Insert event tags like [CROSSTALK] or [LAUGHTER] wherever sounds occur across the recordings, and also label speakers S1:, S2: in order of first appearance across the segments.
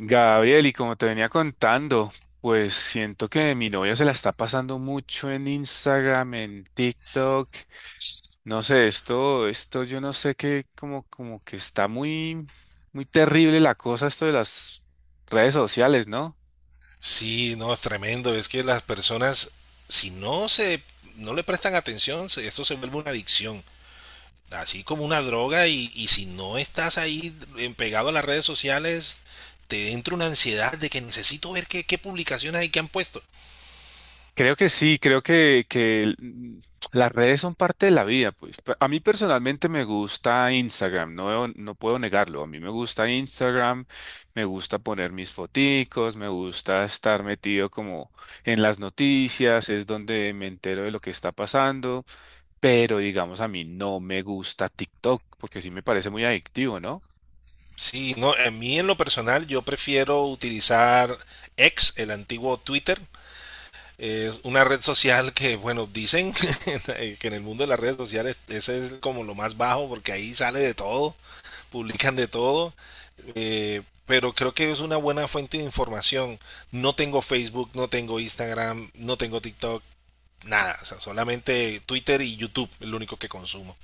S1: Gabriel, y como te venía contando, pues siento que mi novia se la está pasando mucho en Instagram, en TikTok. No sé, esto yo no sé qué, como que está muy terrible la cosa, esto de las redes sociales, ¿no?
S2: Sí, no, es tremendo. Es que las personas, si no se, no le prestan atención, esto se vuelve una adicción. Así como una droga y si no estás ahí pegado a las redes sociales, te entra una ansiedad de que necesito ver qué, qué publicaciones hay que han puesto.
S1: Creo que sí, creo que las redes son parte de la vida, pues. A mí personalmente me gusta Instagram, no, no puedo negarlo. A mí me gusta Instagram, me gusta poner mis foticos, me gusta estar metido como en las noticias, es donde me entero de lo que está pasando, pero digamos a mí no me gusta TikTok, porque sí me parece muy adictivo, ¿no?
S2: Sí, no, a mí en lo personal yo prefiero utilizar X, el antiguo Twitter. Es una red social que, bueno, dicen [LAUGHS] que en el mundo de las redes sociales ese es como lo más bajo porque ahí sale de todo, publican de todo, pero creo que es una buena fuente de información. No tengo Facebook, no tengo Instagram, no tengo TikTok, nada, o sea, solamente Twitter y YouTube, el único que consumo.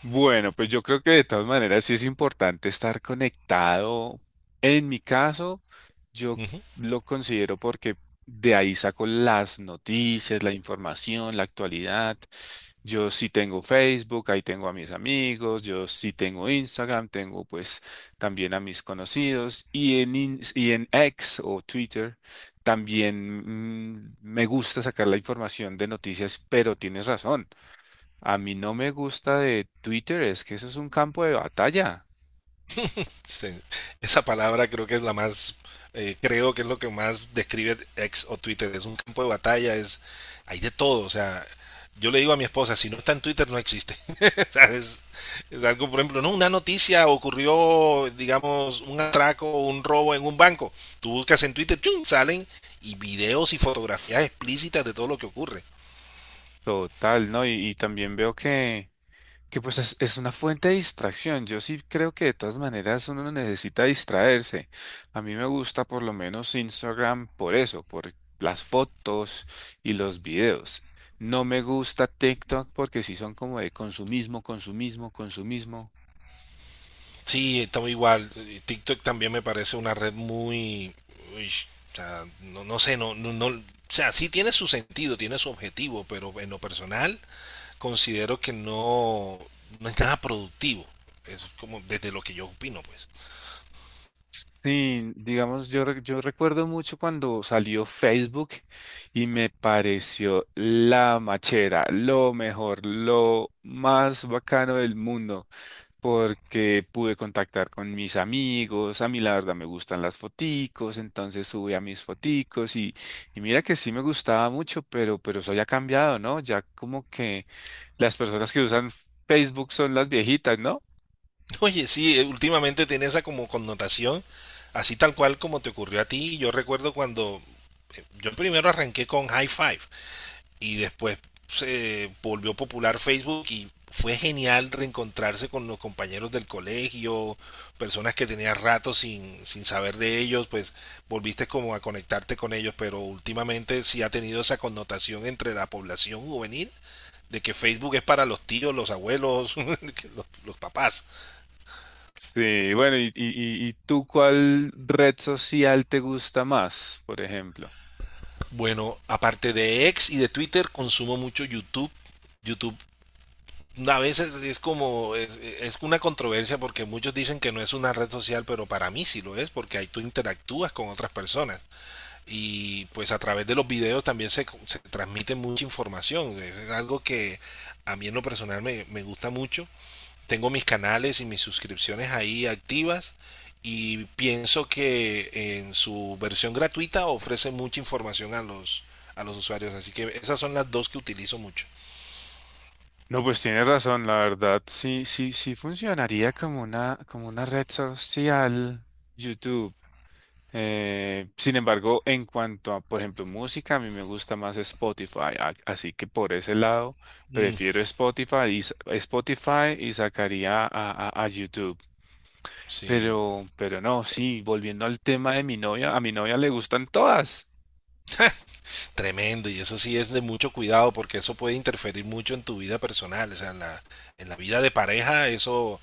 S1: Bueno, pues yo creo que de todas maneras sí es importante estar conectado. En mi caso, yo
S2: Uh -huh.
S1: lo considero porque de ahí saco las noticias, la información, la actualidad. Yo sí tengo Facebook, ahí tengo a mis amigos, yo sí tengo Instagram, tengo pues también a mis conocidos y en X o Twitter también me gusta sacar la información de noticias, pero tienes razón. A mí no me gusta de Twitter, es que eso es un campo de batalla
S2: Sí. Esa palabra creo que es la más, creo que es lo que más describe ex o Twitter. Es un campo de batalla, es, hay de todo. O sea, yo le digo a mi esposa, si no está en Twitter no existe. [LAUGHS] O sea, es algo, por ejemplo, no, una noticia ocurrió, digamos, un atraco o un robo en un banco. Tú buscas en Twitter, ¡chum!, salen y videos y fotografías explícitas de todo lo que ocurre.
S1: total, ¿no? Y también veo que pues es una fuente de distracción. Yo sí creo que de todas maneras uno no necesita distraerse. A mí me gusta por lo menos Instagram por eso, por las fotos y los videos. No me gusta TikTok porque sí son como de consumismo, consumismo, consumismo.
S2: Sí, estamos igual. TikTok también me parece una red muy, uy, o sea, no, no sé, no, no, no, o sea, sí tiene su sentido, tiene su objetivo, pero en lo personal considero que no, no es nada productivo. Es como desde lo que yo opino, pues.
S1: Sí, digamos, yo recuerdo mucho cuando salió Facebook y me pareció la machera, lo mejor, lo más bacano del mundo, porque pude contactar con mis amigos, a mí la verdad me gustan las foticos, entonces subí a mis foticos y mira que sí me gustaba mucho, pero eso ya ha cambiado, ¿no? Ya como que las personas que usan Facebook son las viejitas, ¿no?
S2: [LAUGHS] Oye, sí, últimamente tiene esa como connotación, así tal cual como te ocurrió a ti. Yo recuerdo cuando yo primero arranqué con High Five, y después se volvió popular Facebook y fue genial reencontrarse con los compañeros del colegio, personas que tenías rato sin saber de ellos, pues volviste como a conectarte con ellos, pero últimamente sí ha tenido esa connotación entre la población juvenil de que Facebook es para los tíos, los abuelos, [LAUGHS] los papás.
S1: Sí, bueno, y tú ¿cuál red social te gusta más, por ejemplo?
S2: Bueno, aparte de X y de Twitter, consumo mucho YouTube. YouTube a veces es como, es una controversia porque muchos dicen que no es una red social, pero para mí sí lo es, porque ahí tú interactúas con otras personas y pues a través de los videos también se transmite mucha información, es algo que a mí en lo personal me gusta mucho, tengo mis canales y mis suscripciones ahí activas y pienso que en su versión gratuita ofrece mucha información a a los usuarios, así que esas son las dos que utilizo mucho.
S1: No, pues tienes razón, la verdad, sí, sí, sí funcionaría como una red social, YouTube. Sin embargo, en cuanto a, por ejemplo, música, a mí me gusta más Spotify, así que por ese lado
S2: Mm,
S1: prefiero Spotify Spotify y sacaría a YouTube.
S2: sí.
S1: Pero no, sí, volviendo al tema de mi novia, a mi novia le gustan todas.
S2: Tremendo, y eso sí es de mucho cuidado porque eso puede interferir mucho en tu vida personal, o sea, en la vida de pareja eso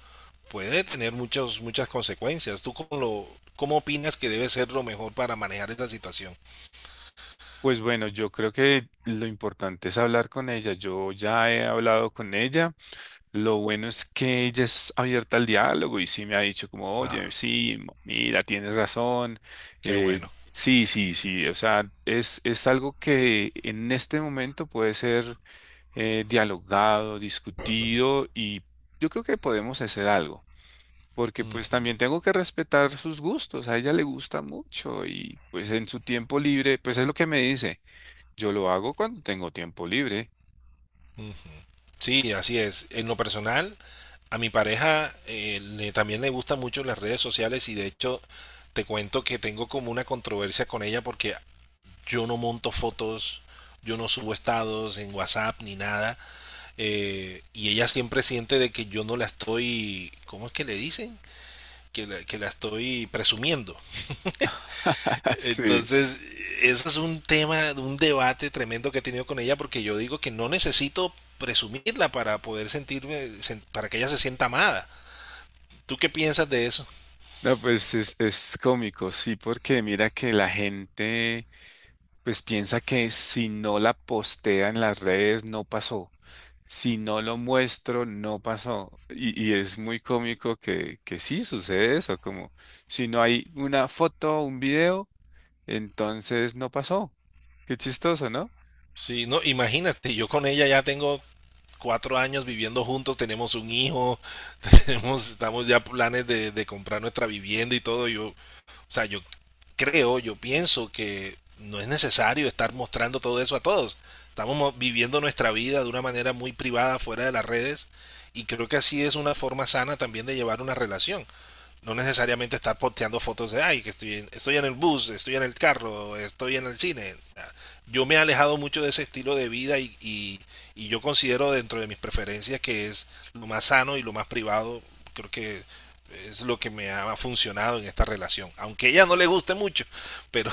S2: puede tener muchos, muchas consecuencias. ¿Tú cómo, lo, cómo opinas que debe ser lo mejor para manejar esta situación?
S1: Pues bueno, yo creo que lo importante es hablar con ella. Yo ya he hablado con ella. Lo bueno es que ella es abierta al diálogo y sí me ha dicho como, oye,
S2: Ah,
S1: sí, mira, tienes razón.
S2: qué
S1: Eh,
S2: bueno.
S1: sí, sí, sí. O sea, es algo que en este momento puede ser dialogado, discutido y yo creo que podemos hacer algo. Porque pues
S2: Mm.
S1: también tengo que respetar sus gustos. A ella le gusta mucho y pues en su tiempo libre, pues es lo que me dice. Yo lo hago cuando tengo tiempo libre.
S2: Sí, así es. En lo personal, a mi pareja también le gustan mucho las redes sociales y de hecho te cuento que tengo como una controversia con ella porque yo no monto fotos, yo no subo estados en WhatsApp ni nada. Y ella siempre siente de que yo no la estoy, ¿cómo es que le dicen? Que la estoy presumiendo.
S1: [LAUGHS] Sí.
S2: Entonces, ese es un tema, un debate tremendo que he tenido con ella porque yo digo que no necesito presumirla para poder para que ella se sienta amada. ¿Tú qué piensas de eso?
S1: No, pues es cómico, sí, porque mira que la gente pues piensa que si no la postea en las redes no pasó. Si no lo muestro, no pasó. Y es muy cómico que sí sucede eso, como si no hay una foto o un video, entonces no pasó. Qué chistoso, ¿no?
S2: Sí, no, imagínate, yo con ella ya tengo 4 años viviendo juntos, tenemos un hijo, [LAUGHS] tenemos, estamos ya planes de comprar nuestra vivienda y todo. Yo, o sea, yo creo, yo pienso que no es necesario estar mostrando todo eso a todos. Estamos viviendo nuestra vida de una manera muy privada fuera de las redes y creo que así es una forma sana también de llevar una relación. No necesariamente estar posteando fotos de, ay, que estoy en, estoy en el bus, estoy en el carro, estoy en el cine. Yo me he alejado mucho de ese estilo de vida y yo considero dentro de mis preferencias que es lo más sano y lo más privado. Creo que es lo que me ha funcionado en esta relación. Aunque a ella no le guste mucho, pero,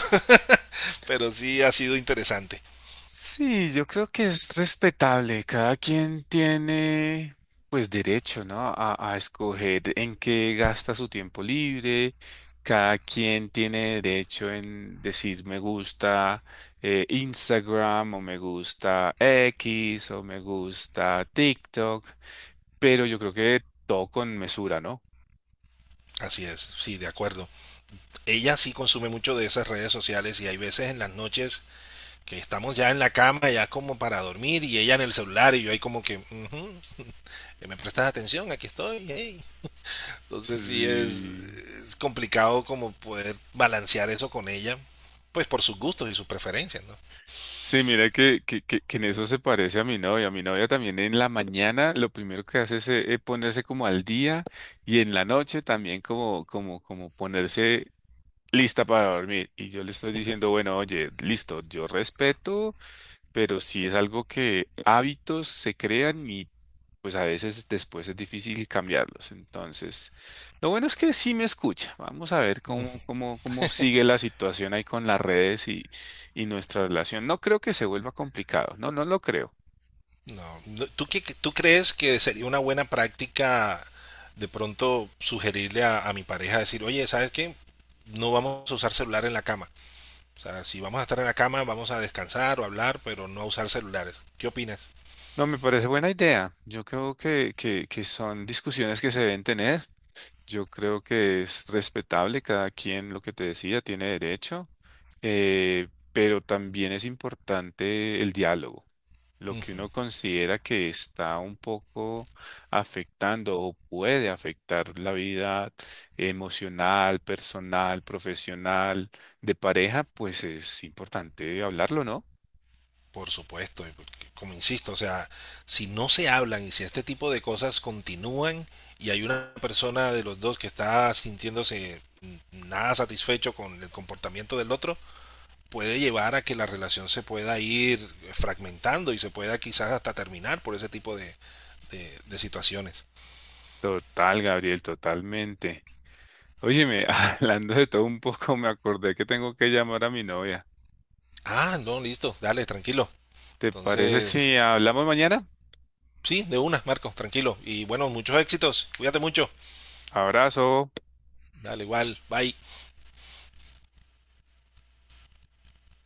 S2: [LAUGHS] pero sí ha sido interesante.
S1: Sí, yo creo que es respetable. Cada quien tiene, pues, derecho, ¿no? A escoger en qué gasta su tiempo libre. Cada quien tiene derecho en decir me gusta Instagram o me gusta X o me gusta TikTok, pero yo creo que todo con mesura, ¿no?
S2: Así es, sí, de acuerdo. Ella sí consume mucho de esas redes sociales y hay veces en las noches que estamos ya en la cama, ya como para dormir, y ella en el celular, y yo ahí como que, "Ujú, me prestas atención, aquí estoy, hey". Entonces sí
S1: Sí.
S2: es complicado como poder balancear eso con ella, pues por sus gustos y sus preferencias,
S1: Sí, mira que en eso se parece a mi novia. Mi novia también en la mañana lo primero que hace es ponerse como al día y en la noche también como ponerse lista para dormir. Y yo le estoy diciendo, bueno, oye, listo, yo respeto, pero si es algo que hábitos se crean pues a veces después es difícil cambiarlos. Entonces, lo bueno es que sí me escucha. Vamos a ver
S2: ¿no?
S1: cómo sigue la situación ahí con las redes y nuestra relación. No creo que se vuelva complicado. No, no lo creo.
S2: No. No, ¿tú, tú crees que sería una buena práctica de pronto sugerirle a mi pareja decir, oye, ¿sabes qué? No vamos a usar celular en la cama. O sea, si vamos a estar en la cama, vamos a descansar o hablar, pero no a usar celulares. ¿Qué opinas?
S1: No, me parece buena idea. Yo creo que son discusiones que se deben tener. Yo creo que es respetable cada quien lo que te decía, tiene derecho, pero también es importante el diálogo. Lo
S2: Mm.
S1: que uno considera que está un poco afectando o puede afectar la vida emocional, personal, profesional, de pareja, pues es importante hablarlo, ¿no?
S2: Por supuesto, y porque, como insisto, o sea, si no se hablan y si este tipo de cosas continúan y hay una persona de los dos que está sintiéndose nada satisfecho con el comportamiento del otro, puede llevar a que la relación se pueda ir fragmentando y se pueda quizás hasta terminar por ese tipo de situaciones.
S1: Total, Gabriel, totalmente. Óyeme, [LAUGHS] hablando de todo un poco, me acordé que tengo que llamar a mi novia.
S2: Ah, no, listo, dale, tranquilo.
S1: ¿Te parece
S2: Entonces,
S1: si hablamos mañana?
S2: sí, de una, Marcos, tranquilo. Y bueno, muchos éxitos, cuídate mucho.
S1: Abrazo.
S2: Dale, igual, bye.